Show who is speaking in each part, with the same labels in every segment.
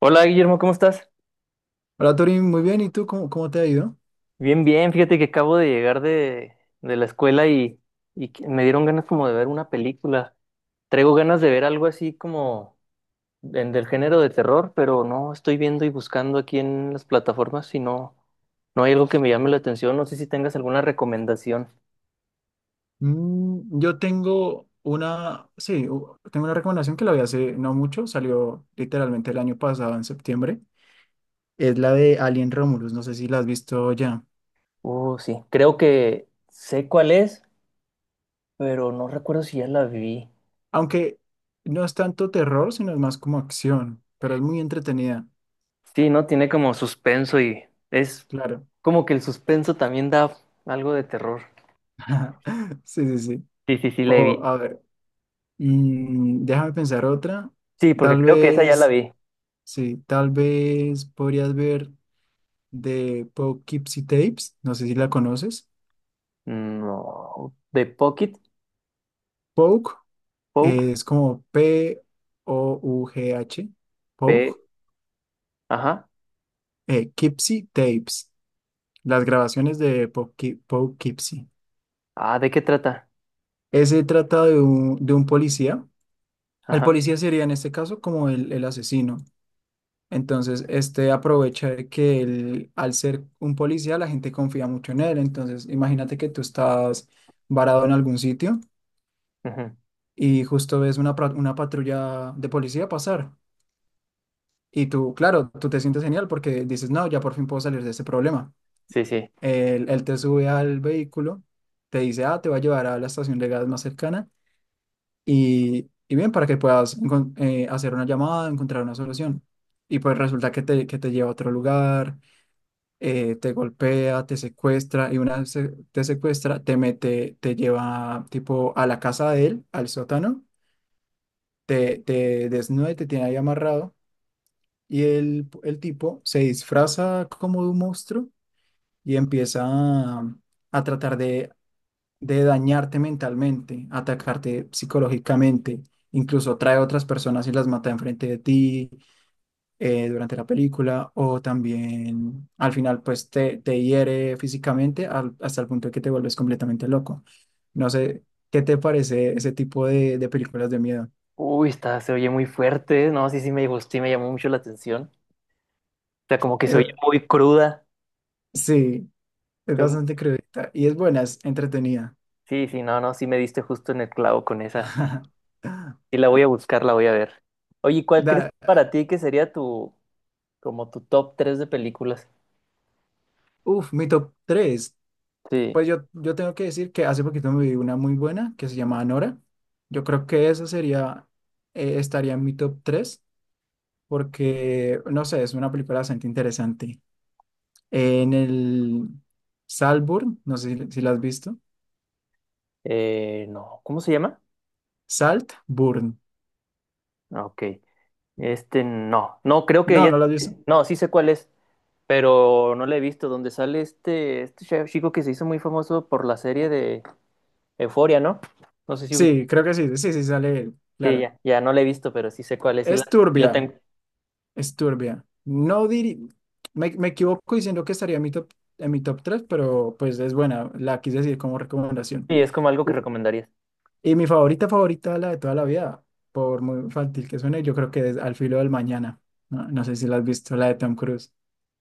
Speaker 1: Hola Guillermo, ¿cómo estás?
Speaker 2: Hola Torín, muy bien. ¿Y tú cómo te ha ido?
Speaker 1: Bien, bien, fíjate que acabo de llegar de la escuela y que me dieron ganas como de ver una película. Traigo ganas de ver algo así como del género de terror, pero no estoy viendo y buscando aquí en las plataformas y no, no hay algo que me llame la atención. No sé si tengas alguna recomendación.
Speaker 2: Yo tengo una, sí, u- tengo una recomendación que la vi hace no mucho, salió literalmente el año pasado, en septiembre. Es la de Alien Romulus, no sé si la has visto ya.
Speaker 1: Oh, sí, creo que sé cuál es, pero no recuerdo si ya la vi.
Speaker 2: Aunque no es tanto terror, sino es más como acción, pero es muy entretenida,
Speaker 1: Sí, ¿no? Tiene como suspenso y es
Speaker 2: claro.
Speaker 1: como que el suspenso también da algo de terror.
Speaker 2: Sí, sí, sí.
Speaker 1: Sí, sí, sí, la
Speaker 2: O,
Speaker 1: vi.
Speaker 2: a ver, déjame pensar otra.
Speaker 1: Sí, porque
Speaker 2: Tal
Speaker 1: creo que esa ya la
Speaker 2: vez,
Speaker 1: vi.
Speaker 2: sí, tal vez podrías ver. De Poughkeepsie Tapes, no sé si la conoces.
Speaker 1: No. ¿De Pocket?
Speaker 2: Pouk
Speaker 1: Poke,
Speaker 2: es como P-O-U-G-H,
Speaker 1: P.
Speaker 2: Pouk,
Speaker 1: Ajá.
Speaker 2: Kipsy Tapes, las grabaciones de Poughkeepsie.
Speaker 1: Ah, ¿de qué trata?
Speaker 2: Ese trata de un policía. El
Speaker 1: Ajá.
Speaker 2: policía sería en este caso como el asesino. Entonces, este aprovecha de que él, al ser un policía, la gente confía mucho en él. Entonces, imagínate que tú estás varado en algún sitio
Speaker 1: Ujú.
Speaker 2: y justo ves una patrulla de policía pasar. Y tú, claro, tú te sientes genial porque dices, no, ya por fin puedo salir de ese problema.
Speaker 1: Sí, sí.
Speaker 2: Él te sube al vehículo, te dice, ah, te va a llevar a la estación de gas más cercana y bien, para que puedas hacer una llamada, encontrar una solución. Y pues resulta que te lleva a otro lugar, te golpea, te secuestra y una vez te secuestra, te mete, te lleva tipo a la casa de él, al sótano te desnuda y te tiene ahí amarrado. Y el tipo se disfraza como de un monstruo y a tratar de dañarte mentalmente, atacarte psicológicamente. Incluso trae a otras personas y las mata enfrente de ti durante la película. O también al final, pues te hiere físicamente hasta el punto de que te vuelves completamente loco. No sé, ¿qué te parece ese tipo de películas de miedo?
Speaker 1: Uy, está, se oye muy fuerte. No, sí, sí, me gustó y me llamó mucho la atención. O sea, como que se oye
Speaker 2: Eh,
Speaker 1: muy cruda.
Speaker 2: sí. Es
Speaker 1: Son-
Speaker 2: bastante crudita y es buena, es entretenida.
Speaker 1: Sí, sí, no, no, sí me diste justo en el clavo con esa. Sí, la voy a buscar, la voy a ver. Oye, ¿cuál crees
Speaker 2: Da,
Speaker 1: para ti que sería tu, como tu top 3 de películas?
Speaker 2: uf, mi top tres.
Speaker 1: Sí.
Speaker 2: Pues yo tengo que decir que hace poquito me vi una muy buena que se llamaba Nora. Yo creo que esa sería, estaría en mi top 3 porque, no sé, es una película bastante interesante. En el Saltburn, no sé si la has visto.
Speaker 1: No. ¿Cómo se llama?
Speaker 2: Saltburn.
Speaker 1: Ok. Este no, no, creo que
Speaker 2: No,
Speaker 1: ya,
Speaker 2: no la has visto.
Speaker 1: no, sí sé cuál es, pero no la he visto, donde sale este chef chico que se hizo muy famoso por la serie de Euforia, ¿no? No sé si ubica.
Speaker 2: Sí, creo que sí, sí, sí, sale él,
Speaker 1: Sí,
Speaker 2: claro.
Speaker 1: ya, ya no la he visto, pero sí sé cuál es, sí la,
Speaker 2: Es
Speaker 1: sí la
Speaker 2: turbia.
Speaker 1: tengo.
Speaker 2: Es turbia. No diri... me equivoco diciendo que estaría en mi top 3, pero pues es buena. La quise decir como recomendación.
Speaker 1: Sí, es como algo que
Speaker 2: Uh,
Speaker 1: recomendarías.
Speaker 2: y mi favorita, favorita, la de toda la vida, por muy infantil que suene, yo creo que es Al filo del mañana. No, no sé si la has visto, la de Tom Cruise,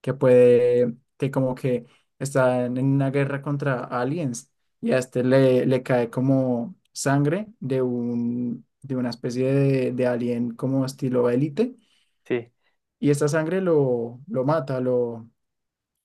Speaker 2: que puede, que como que está en una guerra contra aliens y a este le cae como sangre de una especie de alien como estilo élite
Speaker 1: Sí.
Speaker 2: y esta sangre lo mata, lo,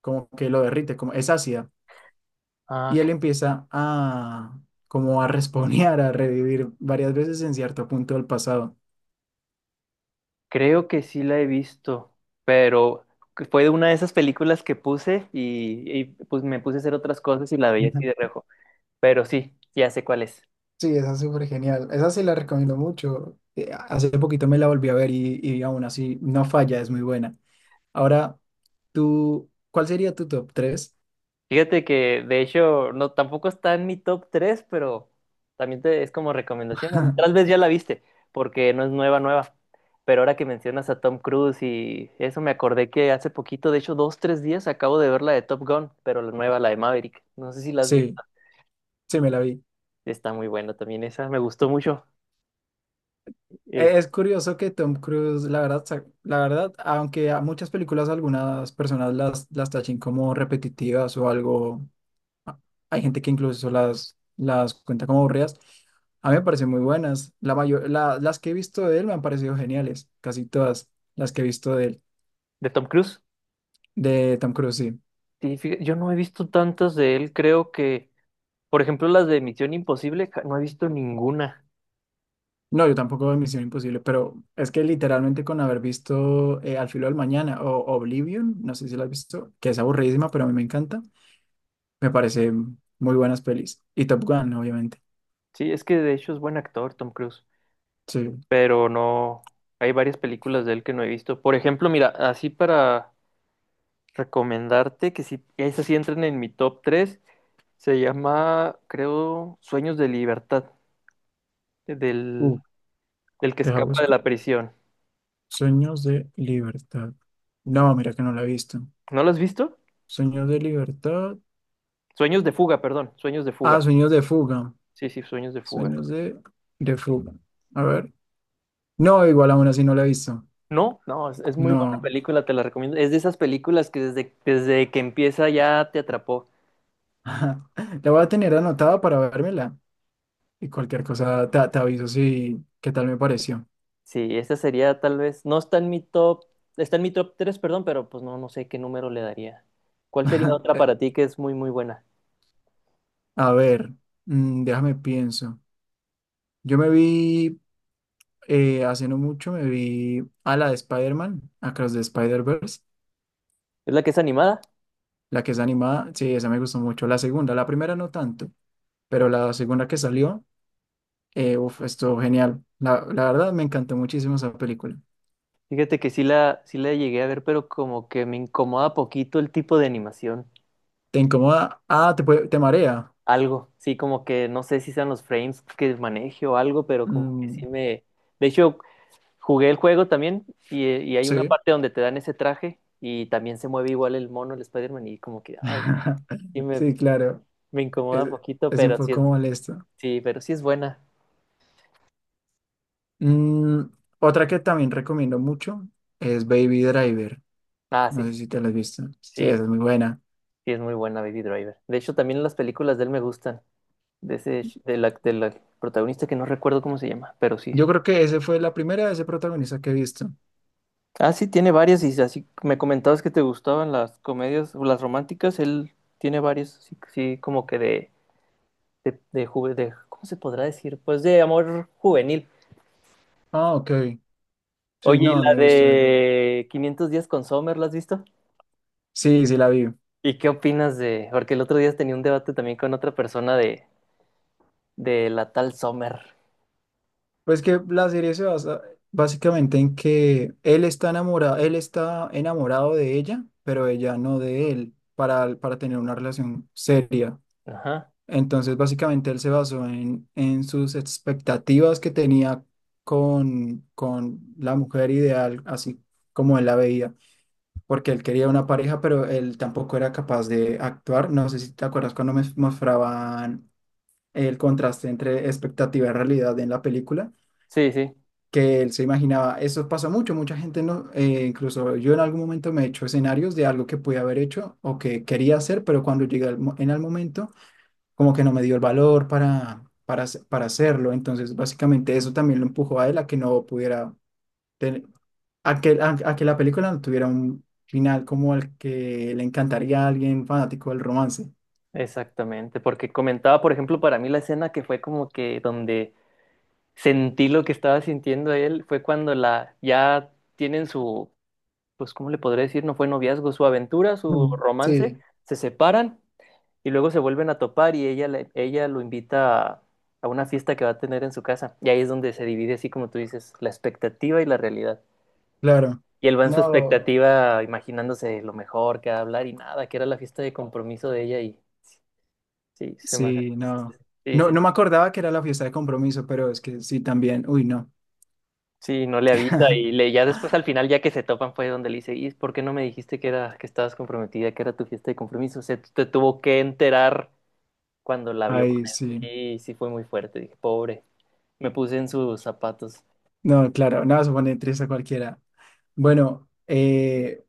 Speaker 2: como que lo derrite, como es ácida.
Speaker 1: Ah,
Speaker 2: Y él como a respawnear, a revivir varias veces en cierto punto del pasado.
Speaker 1: creo que sí la he visto, pero que fue de una de esas películas que puse y, pues me puse a hacer otras cosas y la veía
Speaker 2: Ujú.
Speaker 1: así de reojo, pero sí, ya sé cuál es.
Speaker 2: Sí, esa es súper genial. Esa sí la recomiendo mucho. Hace poquito me la volví a ver y aún así no falla, es muy buena. Ahora, tú, ¿cuál sería tu top tres?
Speaker 1: Fíjate que de hecho no tampoco está en mi top 3, pero también es como recomendación. Tal vez ya la viste, porque no es nueva, nueva. Pero ahora que mencionas a Tom Cruise y eso me acordé que hace poquito, de hecho 2, 3 días, acabo de ver la de Top Gun, pero la nueva, la de Maverick. No sé si la has visto.
Speaker 2: Sí, sí, me la vi.
Speaker 1: Está muy buena también esa, me gustó mucho. Es
Speaker 2: Es curioso que Tom Cruise, la verdad, la verdad, aunque a muchas películas algunas personas las tachen como repetitivas o algo, a- hay gente que incluso las cuenta como aburridas, a mí me parecen muy buenas. La mayor, las que he visto de él me han parecido geniales, casi todas las que he visto de él,
Speaker 1: de Tom Cruise.
Speaker 2: de Tom Cruise, sí.
Speaker 1: Sí, yo no he visto tantas de él, creo que, por ejemplo, las de Misión Imposible, no he visto ninguna.
Speaker 2: No, yo tampoco de Misión Imposible, pero es que literalmente con haber visto Al filo del mañana o Oblivion, no sé si la has visto, que es aburridísima, pero a mí me encanta. Me parece muy buenas pelis. Y Top Gun, obviamente.
Speaker 1: Sí, es que de hecho es buen actor, Tom Cruise.
Speaker 2: Sí.
Speaker 1: Pero no, hay varias películas de él que no he visto. Por ejemplo, mira, así para recomendarte que si esas sí entran en mi top 3 se llama, creo, Sueños de Libertad, del,
Speaker 2: Uf,
Speaker 1: del que
Speaker 2: deja
Speaker 1: escapa de
Speaker 2: busco.
Speaker 1: la prisión.
Speaker 2: Sueños de libertad. No, mira que no la he visto.
Speaker 1: ¿No lo has visto?
Speaker 2: Sueños de libertad.
Speaker 1: Sueños de fuga, perdón, Sueños de
Speaker 2: Ah,
Speaker 1: fuga.
Speaker 2: sueños de fuga.
Speaker 1: Sí, sí, Sueños de fuga.
Speaker 2: Sueños de fuga. A ver. No, igual aún así no la he visto.
Speaker 1: No, no, es muy buena
Speaker 2: No.
Speaker 1: película, te la recomiendo. Es de esas películas que desde que empieza ya te atrapó.
Speaker 2: La voy a tener anotada para vérmela. Y cualquier cosa te aviso si qué tal me pareció.
Speaker 1: Sí, esta sería tal vez, no está en mi top, está en mi top 3, perdón, pero pues no, no sé qué número le daría. ¿Cuál sería otra
Speaker 2: Eh,
Speaker 1: para ti que es muy, muy buena?
Speaker 2: a ver. Déjame pienso. Yo me vi. Hace no mucho me vi a la de Spider-Man, Across the Spider-Verse,
Speaker 1: ¿Es la que es animada?
Speaker 2: la que es animada, sí, esa me gustó mucho. La segunda, la primera no tanto, pero la segunda que salió, uf, estuvo genial. La verdad me encantó muchísimo esa película.
Speaker 1: Fíjate que sí la llegué a ver, pero como que me incomoda poquito el tipo de animación.
Speaker 2: ¿Te incomoda? Ah, puede- te marea.
Speaker 1: Algo, sí, como que no sé si sean los frames que maneje o algo, pero como que
Speaker 2: Mm,
Speaker 1: sí me. De hecho, jugué el juego también y hay una
Speaker 2: sí.
Speaker 1: parte donde te dan ese traje y también se mueve igual el mono, el Spider-Man, y como que, ay, sí me,
Speaker 2: Sí, claro,
Speaker 1: me
Speaker 2: es,
Speaker 1: incomoda poquito,
Speaker 2: es un
Speaker 1: pero sí
Speaker 2: poco
Speaker 1: es.
Speaker 2: molesto.
Speaker 1: Sí, pero sí es buena.
Speaker 2: Mm, otra que también recomiendo mucho es Baby Driver.
Speaker 1: Ah,
Speaker 2: No
Speaker 1: sí,
Speaker 2: sé
Speaker 1: sí,
Speaker 2: si te la has visto. Sí,
Speaker 1: sí,
Speaker 2: esa es muy buena.
Speaker 1: sí es muy buena Baby Driver. De hecho, también las películas de él me gustan. De ese, ch- de la protagonista que no recuerdo cómo se llama, pero sí.
Speaker 2: Yo creo que ese fue la primera de ese protagonista que he visto.
Speaker 1: Ah, sí, tiene varias y así me comentabas que te gustaban las comedias, o las románticas, él tiene varias, sí, sí, como que de ¿cómo se podrá decir? Pues de amor juvenil.
Speaker 2: Ah, ok. Sí,
Speaker 1: Oye, ¿y
Speaker 2: no,
Speaker 1: la
Speaker 2: no he visto él.
Speaker 1: de 500 días con Sommer, la has visto?
Speaker 2: Sí, sí la vi.
Speaker 1: ¿Y qué opinas de? Porque el otro día tenía un debate también con otra persona de la tal Sommer.
Speaker 2: Pues que la serie se basa básicamente en que él está enamorado de ella, pero ella no de él, para tener una relación seria.
Speaker 1: Ajá,
Speaker 2: Entonces, básicamente él se basó en sus expectativas que tenía con la mujer ideal, así como él la veía. Porque él quería una pareja, pero él tampoco era capaz de actuar. No sé si te acuerdas cuando me mostraban el contraste entre expectativa y realidad en la película,
Speaker 1: sí, sí,
Speaker 2: que él se imaginaba, eso pasa mucho, mucha gente no, incluso yo en algún momento me he hecho escenarios de algo que pude haber hecho o que quería hacer, pero cuando llegué al en el momento, como que no me dio el valor para hacerlo. Entonces, básicamente eso también lo empujó a él a que no pudiera ten- a que, a que la película no tuviera un final como el que le encantaría a alguien fanático del romance.
Speaker 1: exactamente, porque comentaba, por ejemplo, para mí la escena que fue como que donde sentí lo que estaba sintiendo él fue cuando la ya tienen su, pues, ¿cómo le podré decir? No fue noviazgo, su aventura, su
Speaker 2: Mm,
Speaker 1: romance,
Speaker 2: sí,
Speaker 1: se separan y luego se vuelven a topar y ella lo invita a, una fiesta que va a tener en su casa y ahí es donde se divide, así como tú dices, la expectativa y la realidad.
Speaker 2: claro.
Speaker 1: Y él va en su
Speaker 2: No,
Speaker 1: expectativa imaginándose lo mejor que va a hablar y nada, que era la fiesta de compromiso de ella. Y sí,
Speaker 2: sí, no.
Speaker 1: sí,
Speaker 2: No, no me acordaba que era la fiesta de compromiso, pero es que sí también. Uy, no.
Speaker 1: sí, no le avisa y ya después al final, ya que se topan, fue donde le dice, ¿y por qué no me dijiste que era, que estabas comprometida, que era tu fiesta de compromiso? Se te tuvo que enterar cuando la vio con
Speaker 2: Ay, sí.
Speaker 1: él. Y sí fue muy fuerte, dije, pobre, me puse en sus zapatos.
Speaker 2: No, claro, nada, se pone triste a cualquiera. Bueno,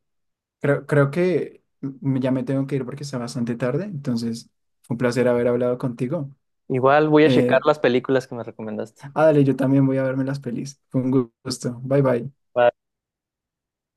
Speaker 2: creo que ya me tengo que ir porque está bastante tarde, entonces fue un placer haber hablado contigo.
Speaker 1: Igual voy a checar
Speaker 2: Eh,
Speaker 1: las películas que me recomendaste.
Speaker 2: dale, yo también voy a verme las pelis. Fue un gusto. Bye bye.
Speaker 1: Va.